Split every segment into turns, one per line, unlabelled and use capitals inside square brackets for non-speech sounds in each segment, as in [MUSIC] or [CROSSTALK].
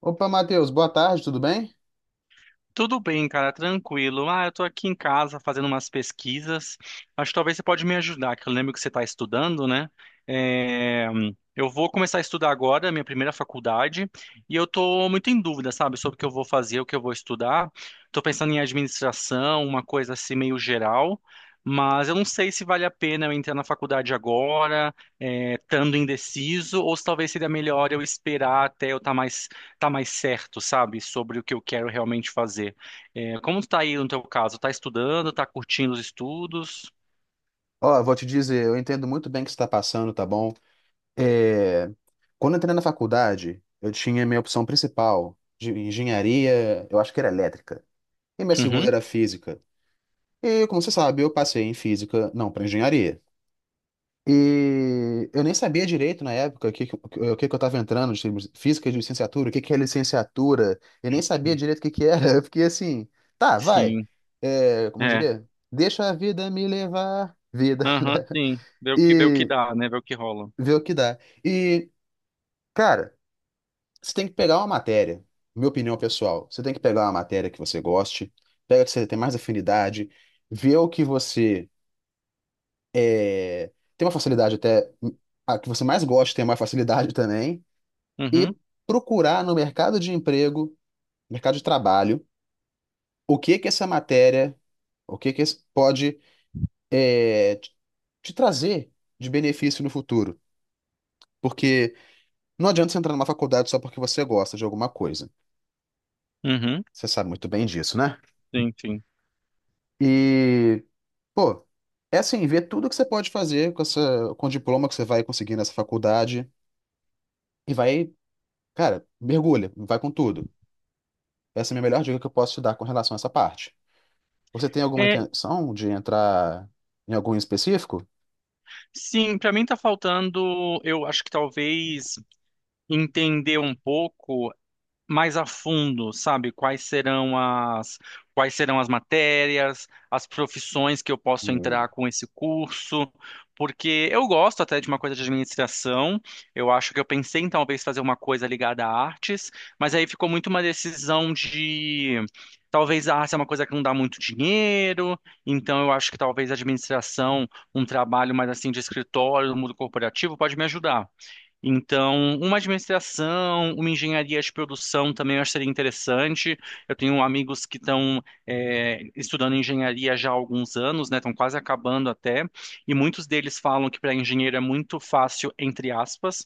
Opa, Matheus, boa tarde, tudo bem?
Tudo bem, cara, tranquilo. Ah, eu tô aqui em casa fazendo umas pesquisas. Acho que talvez você pode me ajudar, que eu lembro que você está estudando, né? É, eu vou começar a estudar agora, minha primeira faculdade, e eu tô muito em dúvida, sabe, sobre o que eu vou fazer, o que eu vou estudar. Tô pensando em administração, uma coisa assim meio geral, mas eu não sei se vale a pena eu entrar na faculdade agora, é, estando indeciso, ou se talvez seria melhor eu esperar até eu estar mais tá mais certo, sabe, sobre o que eu quero realmente fazer. É, como tá aí no teu caso? Tá estudando, tá curtindo os estudos?
Ó, eu vou te dizer, eu entendo muito bem o que você está passando, tá bom? É, Quando eu entrei na faculdade, eu tinha minha opção principal de engenharia, eu acho que era elétrica, e minha segunda
Uhum.
era física. E, como você sabe, eu passei em física, não, para engenharia. E eu nem sabia direito na época o que, que eu estava entrando, física de licenciatura, o que, que é licenciatura, eu nem sabia direito o que, que era. [LAUGHS] Eu fiquei assim, tá, vai.
Sim,
É, como eu
é.
diria? Deixa a vida me levar, vida, [LAUGHS]
Aham,
né?
sim. Vê o que
E
dá, né? Vê o que rola.
ver o que dá. E, cara, você tem que pegar uma matéria, minha opinião pessoal, você tem que pegar uma matéria que você goste, pega que você tem mais afinidade, vê o que você é, ter uma facilidade até a que você mais gosta, ter mais facilidade [LAUGHS] também, e
Uhum,
procurar no mercado de emprego, mercado de trabalho, o que que essa matéria, o que que esse- pode te te trazer de benefício no futuro. Porque não adianta você entrar numa faculdade só porque você gosta de alguma coisa.
uhum,
Você sabe muito bem disso, né?
sim, sim.
E, pô, é assim, ver tudo que você pode fazer com com o diploma que você vai conseguir nessa faculdade e vai, cara, mergulha, vai com tudo. Essa é a minha melhor dica que eu posso te dar com relação a essa parte. Você tem alguma
É,
intenção de entrar em algum específico?
sim, pra mim tá faltando, eu acho que talvez entender um pouco mais a fundo, sabe? Quais serão as matérias, as profissões que eu posso
Hum,
entrar com esse curso, porque eu gosto até de uma coisa de administração. Eu acho que eu pensei em talvez fazer uma coisa ligada a artes, mas aí ficou muito uma decisão de talvez a arte é uma coisa que não dá muito dinheiro, então eu acho que talvez a administração, um trabalho mais assim de escritório, no mundo corporativo, pode me ajudar. Então, uma administração, uma engenharia de produção também eu acho que seria interessante. Eu tenho amigos que estão estudando engenharia já há alguns anos, né? Estão quase acabando até, e muitos deles falam que para engenheiro é muito fácil, entre aspas,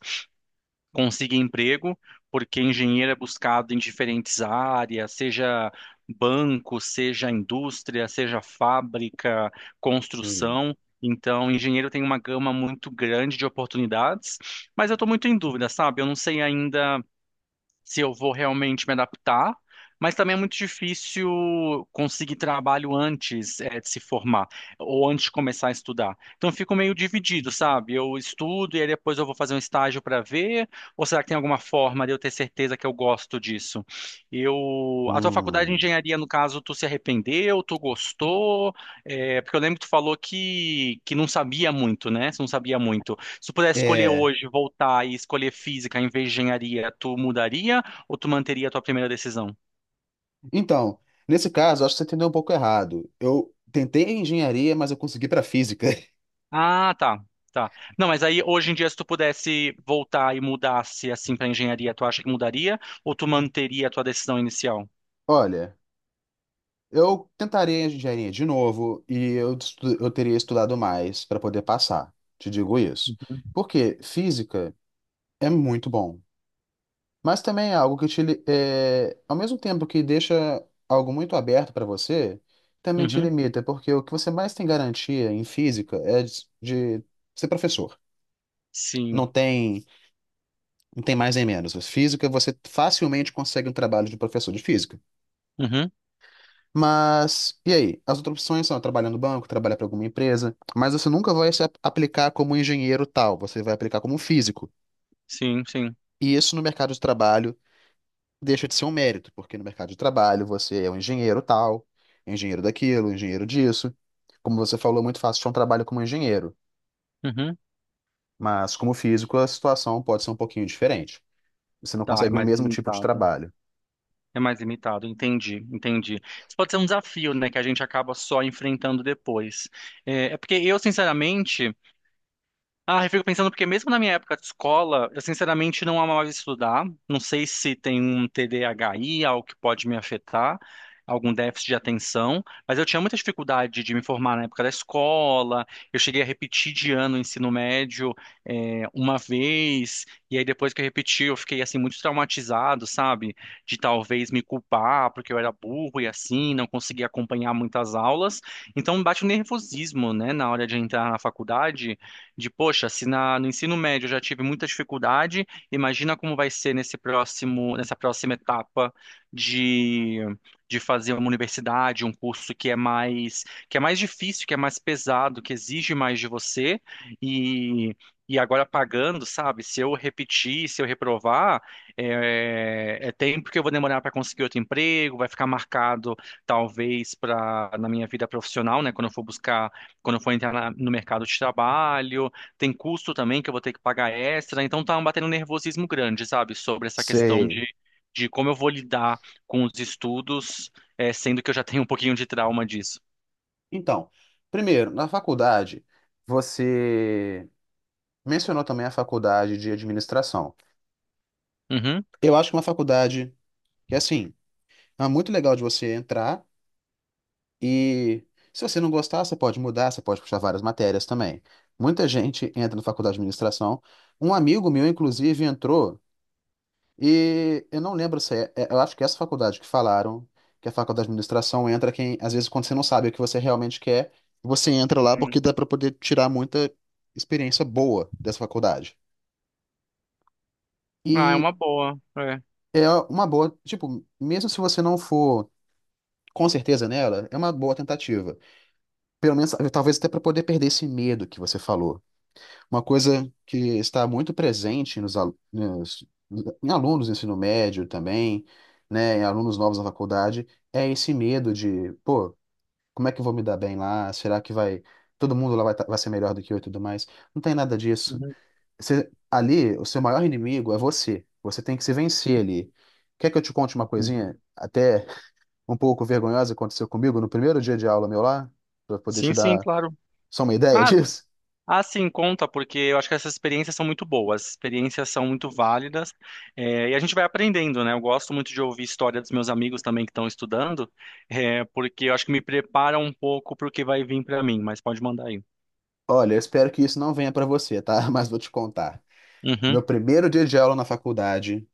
consiga emprego, porque engenheiro é buscado em diferentes áreas, seja banco, seja indústria, seja fábrica,
hum,
construção. Então, engenheiro tem uma gama muito grande de oportunidades, mas eu estou muito em dúvida, sabe? Eu não sei ainda se eu vou realmente me adaptar, mas também é muito difícil conseguir trabalho antes, de se formar ou antes de começar a estudar. Então eu fico meio dividido, sabe? Eu estudo e aí depois eu vou fazer um estágio para ver, ou será que tem alguma forma de eu ter certeza que eu gosto disso? Eu, a tua faculdade de
hum.
engenharia, no caso, tu se arrependeu, tu gostou? Eh, porque eu lembro que tu falou que não sabia muito, né? Você não sabia muito. Se tu pudesse escolher
É.
hoje, voltar e escolher física em vez de engenharia, tu mudaria ou tu manteria a tua primeira decisão?
Então, nesse caso, acho que você entendeu um pouco errado. Eu tentei engenharia, mas eu consegui para física. [LAUGHS]
Ah, tá. Tá. Não, mas aí hoje em dia, se tu pudesse voltar e mudasse assim para engenharia, tu acha que mudaria ou tu manteria a tua decisão inicial?
Olha, eu tentaria engenharia de novo e eu teria estudado mais para poder passar. Te digo isso.
Uhum.
Porque física é muito bom. Mas também é algo é, ao mesmo tempo que deixa algo muito aberto para você, também te
Uhum.
limita, porque o que você mais tem garantia em física é de ser professor. Não
Sim.
tem, não tem mais nem menos. Física, você facilmente consegue um trabalho de professor de física.
Uhum.
Mas, e aí? As outras opções são trabalhar no banco, trabalhar para alguma empresa, mas você nunca vai se ap- aplicar como engenheiro tal, você vai aplicar como físico.
Sim, sim.
E isso no mercado de trabalho deixa de ser um mérito, porque no mercado de trabalho você é um engenheiro tal, é um engenheiro daquilo, um engenheiro disso. Como você falou, é muito fácil achar um trabalho como engenheiro,
Uhum.
mas como físico a situação pode ser um pouquinho diferente. Você não
Tá, é
consegue o
mais
mesmo tipo de
limitado.
trabalho.
É mais limitado, entendi, entendi. Isso pode ser um desafio, né, que a gente acaba só enfrentando depois. É, é porque eu, sinceramente. Ah, eu fico pensando porque mesmo na minha época de escola, eu sinceramente não amava estudar. Não sei se tem um TDAHI, algo que pode me afetar, algum déficit de atenção, mas eu tinha muita dificuldade de me formar na época da escola. Eu cheguei a repetir de ano o ensino médio uma vez, e aí depois que eu repeti, eu fiquei assim muito traumatizado, sabe? De talvez me culpar porque eu era burro e assim, não conseguia acompanhar muitas aulas. Então bate um nervosismo, né, na hora de entrar na faculdade de, poxa, se no ensino médio eu já tive muita dificuldade, imagina como vai ser nesse próximo, nessa próxima etapa de, de fazer uma universidade, um curso que é mais difícil, que é mais pesado, que exige mais de você e E agora pagando, sabe? Se eu repetir, se eu reprovar, é tempo que eu vou demorar para conseguir outro emprego, vai ficar marcado talvez para na minha vida profissional, né? Quando eu for entrar no mercado de trabalho, tem custo também que eu vou ter que pagar extra, então tá batendo um nervosismo grande, sabe, sobre essa questão
Sei.
de como eu vou lidar com os estudos, eh, sendo que eu já tenho um pouquinho de trauma disso.
Então, primeiro, na faculdade, você mencionou também a faculdade de administração.
Uhum.
Eu acho que é uma faculdade que, assim, é muito legal de você entrar. E se você não gostar, você pode mudar, você pode puxar várias matérias também. Muita gente entra na faculdade de administração. Um amigo meu, inclusive, entrou e eu não lembro se é, é- eu acho que é essa faculdade que falaram, que a faculdade de administração entra quem, às vezes, quando você não sabe o que você realmente quer, você entra lá
Sim.
porque dá para poder tirar muita experiência boa dessa faculdade.
Ah, é
E
uma boa. É.
é uma boa, tipo, mesmo se você não for com certeza nela, é uma boa tentativa. Pelo menos, talvez até para poder perder esse medo que você falou. Uma coisa que está muito presente em alunos do ensino médio também, né, em alunos novos na faculdade, é esse medo de, pô, como é que eu vou me dar bem lá? Será que vai todo mundo lá vai ser melhor do que eu e tudo mais? Não tem nada disso.
Uhum,
Você, ali, o seu maior inimigo é você. Você tem que se vencer ali. Quer que eu te conte uma
uhum.
coisinha até [LAUGHS] um pouco vergonhosa que aconteceu comigo no primeiro dia de aula meu lá, para poder te
Sim, sim,
dar
claro.
só uma ideia [LAUGHS]
Ah,
disso?
ah, sim, conta, porque eu acho que essas experiências são muito boas, experiências são muito válidas, é, e a gente vai aprendendo, né? Eu gosto muito de ouvir história dos meus amigos também que estão estudando, é, porque eu acho que me prepara um pouco para o que vai vir para mim, mas pode mandar aí.
Olha, eu espero que isso não venha para você, tá? [LAUGHS] Mas vou te contar.
Uhum,
Meu primeiro dia de aula na faculdade,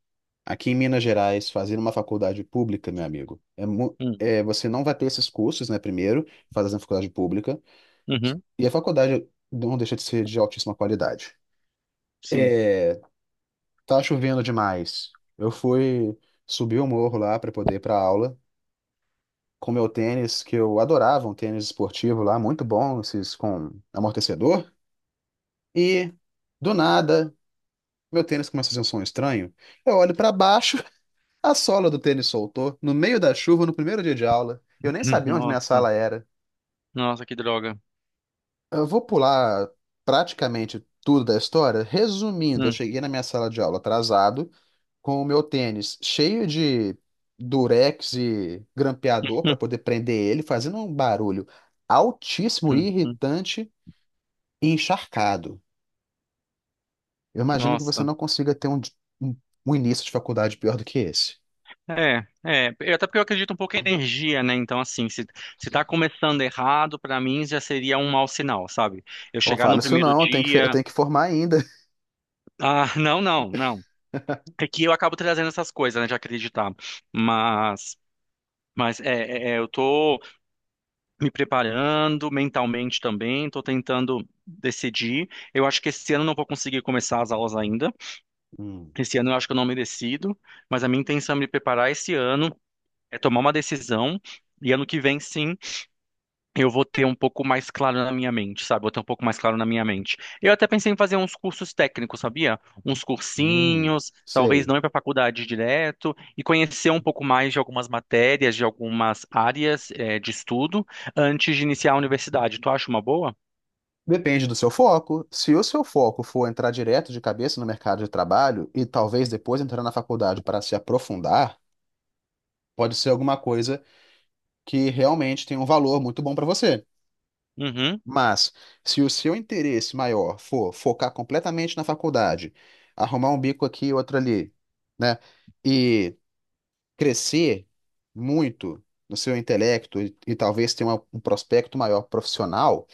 aqui em Minas Gerais, fazendo uma faculdade pública, meu amigo.
uhum,
É, você não vai ter esses cursos, né? Primeiro, fazendo a faculdade pública.
uhum,
E a faculdade não deixa de ser de altíssima qualidade.
sim.
É, tá chovendo demais. Eu fui subir o morro lá para poder ir para aula com meu tênis, que eu adorava, um tênis esportivo lá, muito bom, esses com amortecedor. E do nada. Meu tênis começa a fazer um som estranho. Eu olho pra baixo, [LAUGHS] a sola do tênis soltou, no meio da chuva, no primeiro dia de aula. Eu nem sabia onde minha
Nossa,
sala era.
nossa, que droga.
Eu vou pular praticamente tudo da história. Resumindo, eu
Hum,
cheguei na minha sala de aula atrasado, com o meu tênis cheio de durex e grampeador pra
hum,
poder prender ele, fazendo um barulho altíssimo,
hum, hum,
irritante e encharcado. Eu imagino que você
Nossa.
não consiga ter um um início de faculdade pior do que esse.
É, é, e até porque eu acredito um pouco em energia, né? Então, assim, se tá começando errado, para mim já seria um mau sinal, sabe? Eu
Pô,
chegar
falo
no
isso
primeiro
não, eu tenho eu
dia.
tenho que formar ainda. [LAUGHS]
Ah, não, não, não. É que eu acabo trazendo essas coisas, né, de acreditar. Mas, mas eu tô me preparando mentalmente também, tô tentando decidir. Eu acho que esse ano eu não vou conseguir começar as aulas ainda.
Hum,
Esse ano eu acho que eu não me decido, mas a minha intenção é me preparar esse ano, é tomar uma decisão, e ano que vem sim. Eu vou ter um pouco mais claro na minha mente, sabe? Vou ter um pouco mais claro na minha mente. Eu até pensei em fazer uns cursos técnicos, sabia? Uns
hum,
cursinhos, talvez
sei.
não ir para faculdade direto e conhecer um pouco mais de algumas matérias, de algumas áreas, de estudo antes de iniciar a universidade. Tu acha uma boa?
Depende do seu foco. Se o seu foco for entrar direto de cabeça no mercado de trabalho e talvez depois entrar na faculdade para se aprofundar, pode ser alguma coisa que realmente tem um valor muito bom para você.
Uhum,
Mas se o seu interesse maior for focar completamente na faculdade, arrumar um bico aqui e outro ali, né? E crescer muito no seu intelecto e talvez ter um prospecto maior profissional,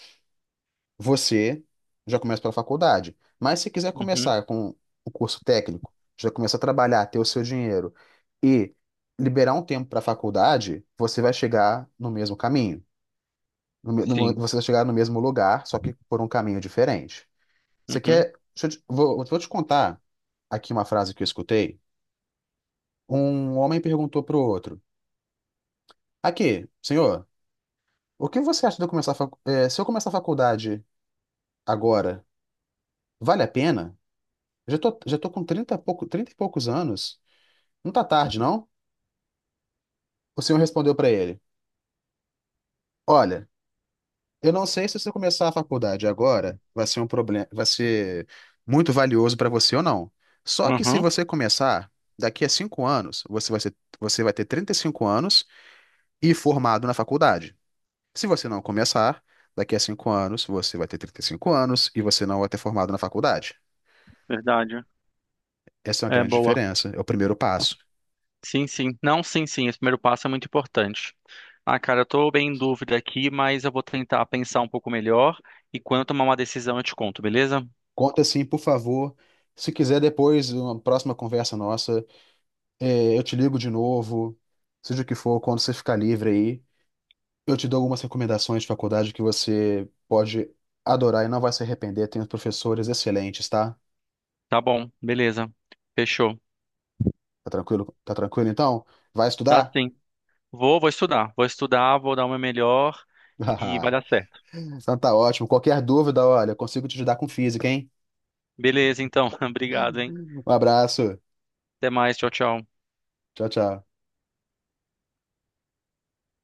você já começa pela faculdade. Mas se quiser
uhum,
começar com o curso técnico, já começa a trabalhar, ter o seu dinheiro e liberar um tempo para a faculdade, você vai chegar no mesmo caminho.
sim,
Você vai chegar no mesmo lugar, só que por um caminho diferente. Você
uhum,
quer. Vou te contar aqui uma frase que eu escutei. Um homem perguntou para o outro: Aqui, senhor. O que você acha de eu começar a facu... se eu começar a faculdade agora, vale a pena? Já tô com 30 e pouco, 30 e poucos anos. Não tá tarde, não? O senhor respondeu para ele: Olha, eu não sei se você começar a faculdade agora vai ser um problema, vai ser muito valioso para você ou não. Só que se
uhum,
você começar daqui a 5 anos, você vai ter 35 anos e formado na faculdade. Se você não começar, daqui a 5 anos, você vai ter 35 anos e você não vai ter formado na faculdade.
verdade.
Essa é uma
É
grande
boa.
diferença, é o primeiro passo.
Sim, sim. Não, sim, sim. Esse primeiro passo é muito importante. Ah, cara, eu tô bem em dúvida aqui, mas eu vou tentar pensar um pouco melhor e quando eu tomar uma decisão eu te conto, beleza?
Conta assim, por favor. Se quiser depois, uma próxima conversa nossa, é, eu te ligo de novo, seja o que for, quando você ficar livre aí. Eu te dou algumas recomendações de faculdade que você pode adorar e não vai se arrepender. Tem uns professores excelentes, tá?
Tá bom, beleza. Fechou.
Tá tranquilo? Tá tranquilo então? Vai
Tá
estudar?
sim. Vou estudar. Vou estudar, vou dar o meu melhor e vai
[LAUGHS]
dar certo.
Então tá ótimo. Qualquer dúvida, olha, eu consigo te ajudar com física, hein?
Beleza, então. [LAUGHS] Obrigado, hein?
Um abraço.
Até mais. Tchau, tchau.
Tchau, tchau.